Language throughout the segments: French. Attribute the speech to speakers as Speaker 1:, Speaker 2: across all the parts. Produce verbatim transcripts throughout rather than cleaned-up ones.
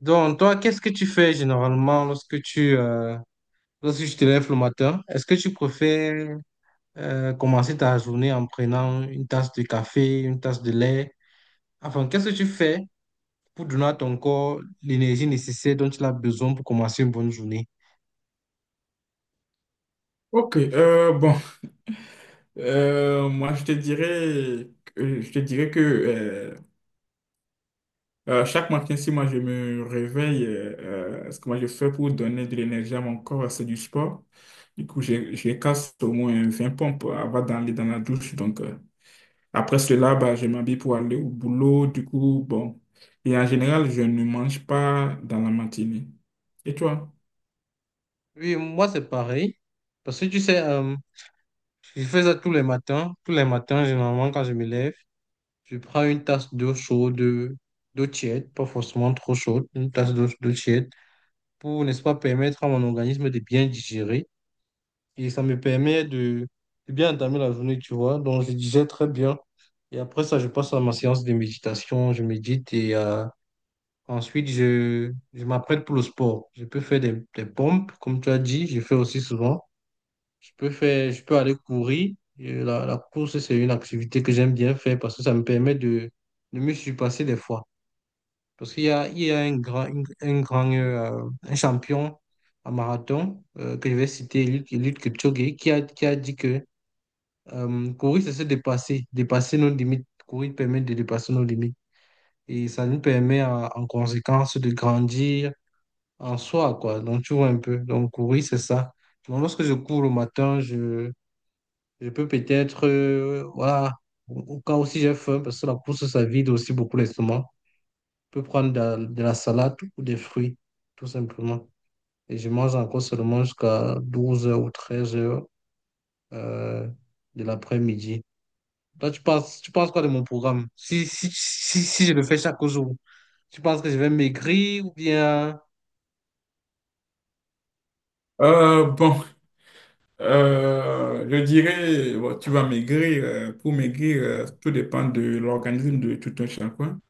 Speaker 1: Donc, toi, qu'est-ce que tu fais généralement lorsque tu, euh, lorsque tu te lèves le matin? Est-ce que tu préfères euh, commencer ta journée en prenant une tasse de café, une tasse de lait? Enfin, qu'est-ce que tu fais pour donner à ton corps l'énergie nécessaire dont il a besoin pour commencer une bonne journée?
Speaker 2: Ok, euh, bon, Euh, moi je te dirais, que- je te dirais que euh, euh, chaque matin, si moi je me réveille, euh, euh, ce que moi je fais pour donner de l'énergie à mon corps, c'est du sport. Du coup, je, je casse au moins vingt pompes avant d'aller dans la douche. Donc, euh, après cela, bah, je m'habille pour aller au boulot. Du coup, bon. Et en général, je ne mange pas dans la matinée. Et toi?
Speaker 1: Oui, moi, c'est pareil. Parce que tu sais, euh, je fais ça tous les matins. Tous les matins, généralement, quand je me lève, je prends une tasse d'eau chaude, d'eau tiède, pas forcément trop chaude, une tasse d'eau d'eau tiède, pour, n'est-ce pas, permettre à mon organisme de bien digérer. Et ça me permet de, de bien entamer la journée, tu vois. Donc, je digère très bien. Et après ça, je passe à ma séance de méditation, je médite et euh, ensuite, je, je m'apprête pour le sport. Je peux faire des, des pompes, comme tu as dit, je fais aussi souvent. Je peux faire, je peux aller courir. Et la, la course, c'est une activité que j'aime bien faire parce que ça me permet de, de me surpasser des fois. Parce qu'il y a, il y a un grand, une- un grand euh, un champion en marathon euh, que je vais citer, Eliud, Eliud Kipchoge, qui a, qui a dit que euh, courir, c'est se dépasser, dépasser nos limites. Courir permet de dépasser nos limites. Et ça nous permet en, en conséquence de grandir en soi, quoi. Donc, tu vois un peu. Donc, courir, c'est ça. Donc, lorsque je cours le matin, je, je peux peut-être, euh, voilà, au au cas où si j'ai faim, parce que la course, ça vide aussi beaucoup l'estomac, peux prendre de, la de la salade ou des fruits, tout simplement. Et je mange encore seulement jusqu'à douze heures ou treize heures de l'après-midi. Toi, tu penses, tu penses quoi de mon programme? Si, si, si, si je le fais chaque jour, tu penses que je vais maigrir ou bien...
Speaker 2: Euh, bon, Euh, je dirais, bon, tu vas maigrir. euh, Pour maigrir, euh, tout dépend de l'organisme de tout un chacun.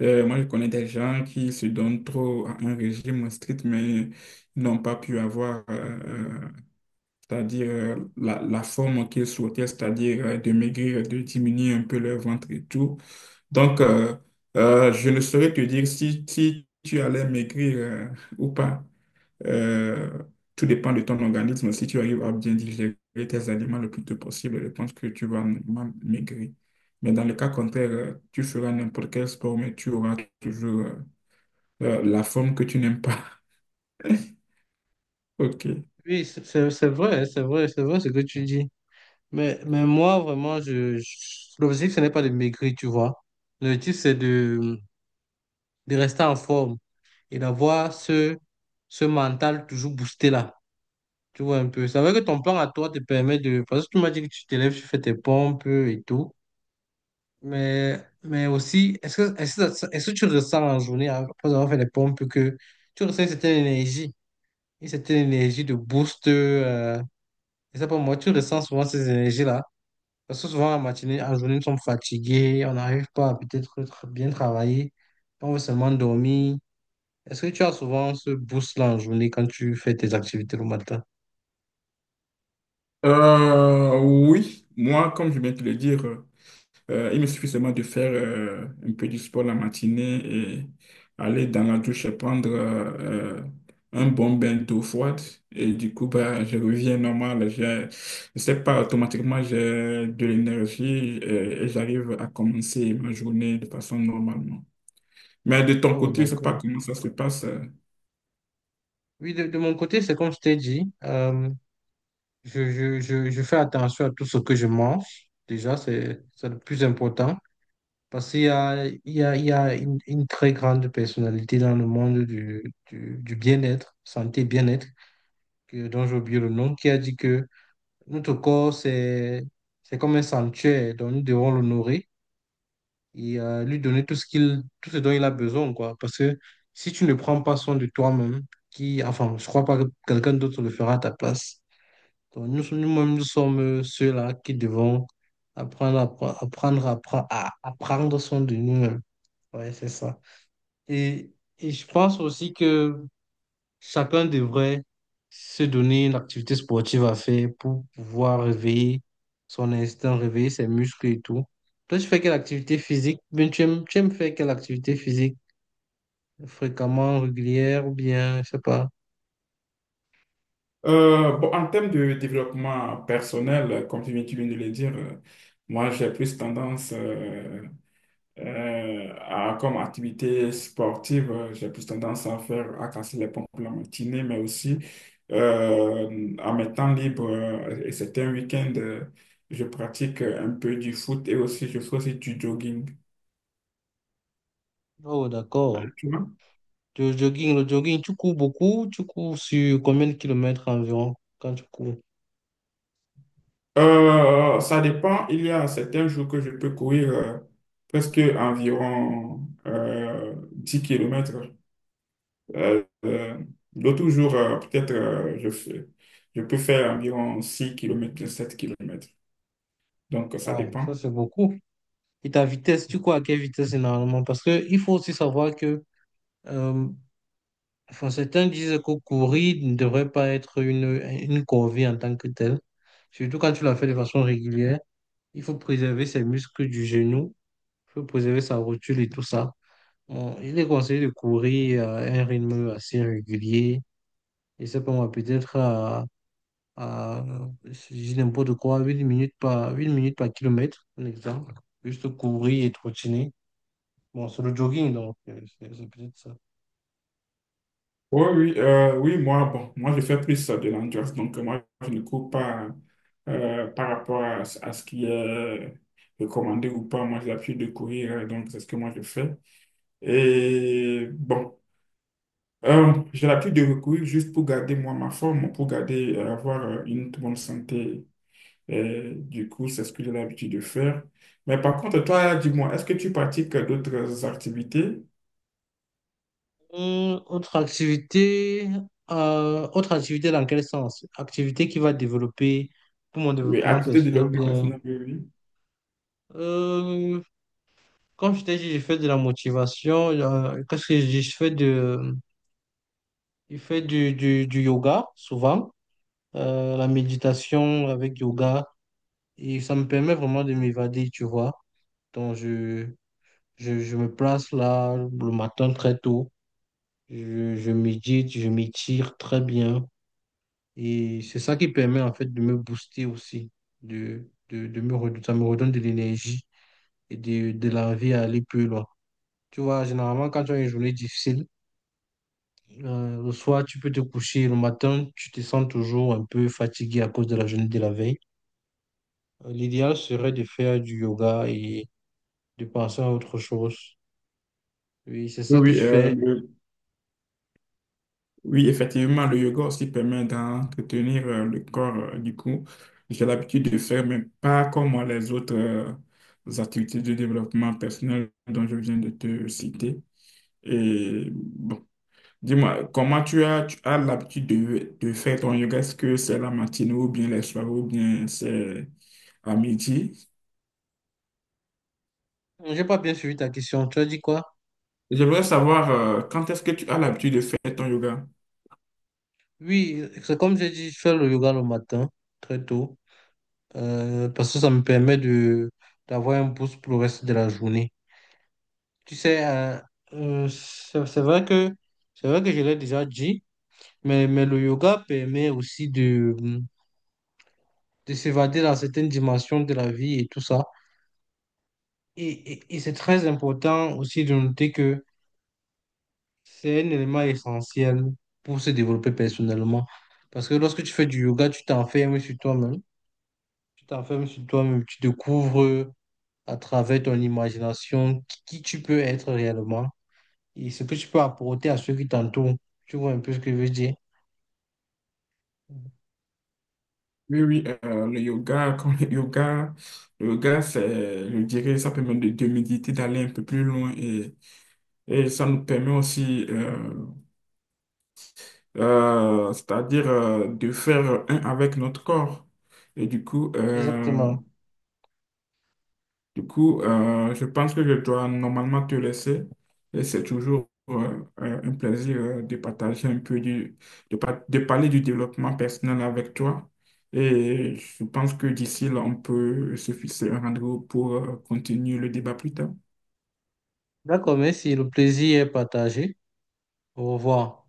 Speaker 2: Euh, moi, je connais des gens qui se donnent trop à un régime strict, mais n'ont pas pu avoir, euh, euh, c'est-à-dire euh, la, la forme qu'ils souhaitaient, c'est-à-dire euh, de maigrir, de diminuer un peu leur ventre et tout. Donc, euh, euh, je ne saurais te dire si, si tu allais maigrir euh, ou pas. Euh, Tout dépend de ton organisme. Si tu arrives à bien digérer tes aliments le plus tôt possible, je pense que tu vas normalement maigrir. Mais dans le cas contraire, euh, tu feras n'importe quel sport, mais tu auras toujours euh, euh, la forme que tu n'aimes pas. OK.
Speaker 1: Oui, c'est c'est- c'est vrai, c'est vrai, c'est vrai ce que tu dis. Mais, mais moi, vraiment, je, je- l'objectif, ce n'est pas de maigrir, tu vois. L'objectif, c'est de, de rester en forme et d'avoir ce, ce mental toujours boosté là. Tu vois un peu. C'est vrai que ton plan à toi te permet de. Parce que tu m'as dit que tu t'élèves, tu fais tes pompes et tout. Mais, mais aussi, est-ce que, est-ce que, ça- est-ce que tu ressens en journée, hein, après avoir fait les pompes, que tu ressens une certaine énergie, une certaine énergie de boost euh, et ça, pour moi, tu ressens souvent ces énergies-là. Parce que souvent, en matinée, en journée, nous sommes fatigués, on n'arrive pas à peut-être tra- bien travailler. On veut seulement dormir. Est-ce que tu as souvent ce boost-là en journée quand tu fais tes activités le matin?
Speaker 2: Euh, oui, moi, comme je viens de te le dire, euh, Euh, il me suffit seulement de faire euh, un peu du sport la matinée et aller dans la douche et prendre euh, euh, un bon bain d'eau froide. Et du coup, bah, je reviens normal. Je ne sais pas, automatiquement, j'ai de l'énergie et, et j'arrive à commencer ma journée de façon normalement. Mais de ton
Speaker 1: Ouais, ouais,
Speaker 2: côté, je sais pas
Speaker 1: d'accord.
Speaker 2: comment ça se passe. euh.
Speaker 1: Oui, de, de mon côté, c'est comme je t'ai dit, euh, je, je, je, je fais attention à tout ce que je mange. Déjà, c'est c'est le plus important. Parce qu'il y a, il y a, il y a une, une très grande personnalité dans le monde du, du, du bien-être, santé, bien-être, que- dont j'ai oublié le nom, qui a dit que notre corps, c'est, c'est comme un sanctuaire, donc nous devons l'honorer et euh, lui donner tout ce qu'il, tout ce dont il a besoin, quoi. Parce que si tu ne prends pas soin de toi-même, qui, enfin, je crois pas que quelqu'un d'autre le fera à ta place. Donc nous, nous-mêmes, nous sommes ceux-là qui devons apprendre, à pre- apprendre, à, pre- à, à prendre soin de nous-mêmes. Ouais, c'est ça. Et, et je pense aussi que chacun devrait se donner une activité sportive à faire pour pouvoir réveiller son instinct, réveiller ses muscles et tout. Toi, tu fais quelle activité physique? Ben tu aimes, tu aimes faire quelle activité physique? Fréquemment, régulière ou bien, je sais pas.
Speaker 2: Euh, bon, en termes de développement personnel, comme tu viens, tu viens de le dire, euh, moi j'ai plus tendance euh, euh, à, comme activité sportive, euh, j'ai plus tendance à faire, à casser les pompes la matinée, mais aussi euh, en mes temps libres euh, et c'est un week end euh, je pratique euh, un peu du foot et aussi je fais aussi du jogging.
Speaker 1: Oh, d'accord.
Speaker 2: Euh, tu vois?
Speaker 1: Le jogging, le jogging, tu cours beaucoup? Tu cours sur combien de kilomètres environ quand tu cours?
Speaker 2: Euh, ça dépend. Il y a certains jours que je peux courir euh, presque environ euh, dix kilomètres. Euh, euh, D'autres jours, euh, peut-être, euh, je fais- je peux faire environ six kilomètres, sept kilomètres. Donc, ça
Speaker 1: Wow, ça
Speaker 2: dépend.
Speaker 1: c'est beaucoup. Et ta vitesse, tu cours à quelle vitesse généralement? Parce que il faut aussi savoir que euh, enfin, certains disent que courir ne devrait pas être une, une corvée en tant que telle, surtout quand tu la fais de façon régulière. Il faut préserver ses muscles du genou, il faut préserver sa rotule et tout ça. Bon, il est conseillé de courir à un rythme assez régulier, et ça peut moi, peut-être à, à, je dis n'importe quoi, huit minutes par, huit minutes par kilomètre, un exemple. Juste courir et trottiner. Bon, c'est le jogging, donc euh, c'est c'est peut-être ça.
Speaker 2: Oui, oui, euh, oui, moi, bon, moi, je fais plus euh, de l'endurance. Donc, euh, moi, je ne cours pas euh, par rapport à, ce à ce qui est recommandé ou pas. Moi, j'ai l'habitude de courir, euh, donc c'est ce que moi, je fais. Et bon, euh, j'ai l'habitude de courir juste pour garder, moi, ma forme, pour garder, euh, avoir euh, une bonne santé. Et du coup, c'est ce que j'ai l'habitude de faire. Mais par contre, toi, dis-moi, est-ce que tu pratiques euh, d'autres activités?
Speaker 1: Hum, autre activité, euh, autre activité dans quel sens? Activité qui va développer pour mon
Speaker 2: Oui,
Speaker 1: développement
Speaker 2: activités de
Speaker 1: personnel,
Speaker 2: développement
Speaker 1: bien.
Speaker 2: personnel, oui, oui.
Speaker 1: Euh, comme je t'ai dit, je fais de la motivation. Euh, qu'est-ce que je dis? Je fais de, je fais du, du, du yoga souvent, euh, la méditation avec yoga, et ça me permet vraiment de m'évader, tu vois. Donc, je, je, je me place là le matin très tôt, je, je médite, je m'étire très bien. Et c'est ça qui permet en fait de me booster aussi, de, de, de me redonner, ça me redonne de l'énergie et de, de l'envie à aller plus loin. Tu vois, généralement, quand tu as une journée difficile, euh, le soir, tu peux te coucher, le matin, tu te sens toujours un peu fatigué à cause de la journée de la veille. Euh, L'idéal serait de faire du yoga et de penser à autre chose. Oui, c'est
Speaker 2: Oui,
Speaker 1: ça que
Speaker 2: oui,
Speaker 1: je
Speaker 2: euh,
Speaker 1: fais.
Speaker 2: le- Oui, effectivement, le yoga aussi permet d'entretenir euh, le corps. Euh, du coup, j'ai l'habitude de faire, mais pas comme euh, les autres euh, activités de développement personnel dont je viens de te citer. Et bon, Dis-moi, comment tu as, tu as l'habitude de, de faire ton yoga? Est-ce que c'est la matinée ou bien les soirs ou bien c'est à midi?
Speaker 1: J'ai pas bien suivi ta question. Tu as dit quoi?
Speaker 2: J'aimerais savoir euh, quand est-ce que tu as l'habitude de faire ton yoga?
Speaker 1: Oui, c'est comme j'ai dit, je fais le yoga le matin, très tôt, euh, parce que ça me permet de d'avoir un boost pour le reste de la journée. Tu sais, euh, euh, c'est c'est vrai que c'est vrai que je l'ai déjà dit, mais, mais le yoga permet aussi de, de s'évader dans certaines dimensions de la vie et tout ça. Et, et, et c'est très important aussi de noter que c'est un élément essentiel pour se développer personnellement. Parce que lorsque tu fais du yoga, tu t'enfermes sur toi-même. Tu t'enfermes sur toi-même, tu découvres à travers ton imagination qui qui tu peux être réellement et ce que tu peux apporter à ceux qui t'entourent. Tu vois un peu ce que je veux dire? Mhm.
Speaker 2: Oui, oui, euh, le yoga, quand le yoga, le yoga, c'est, je dirais, ça permet de, de méditer, d'aller un peu plus loin et, et ça nous permet aussi, euh, euh, c'est-à-dire, euh, de faire un avec notre corps. Et du coup, euh,
Speaker 1: Exactement.
Speaker 2: Du coup, euh, je pense que je dois normalement te laisser et c'est toujours euh, euh, un plaisir euh, de partager un peu du, de, par- de parler du développement personnel avec toi. Et je pense que d'ici là, on peut se fixer un rendez-vous pour euh, continuer le débat plus tard.
Speaker 1: D'accord, merci. Le plaisir est partagé. Au revoir.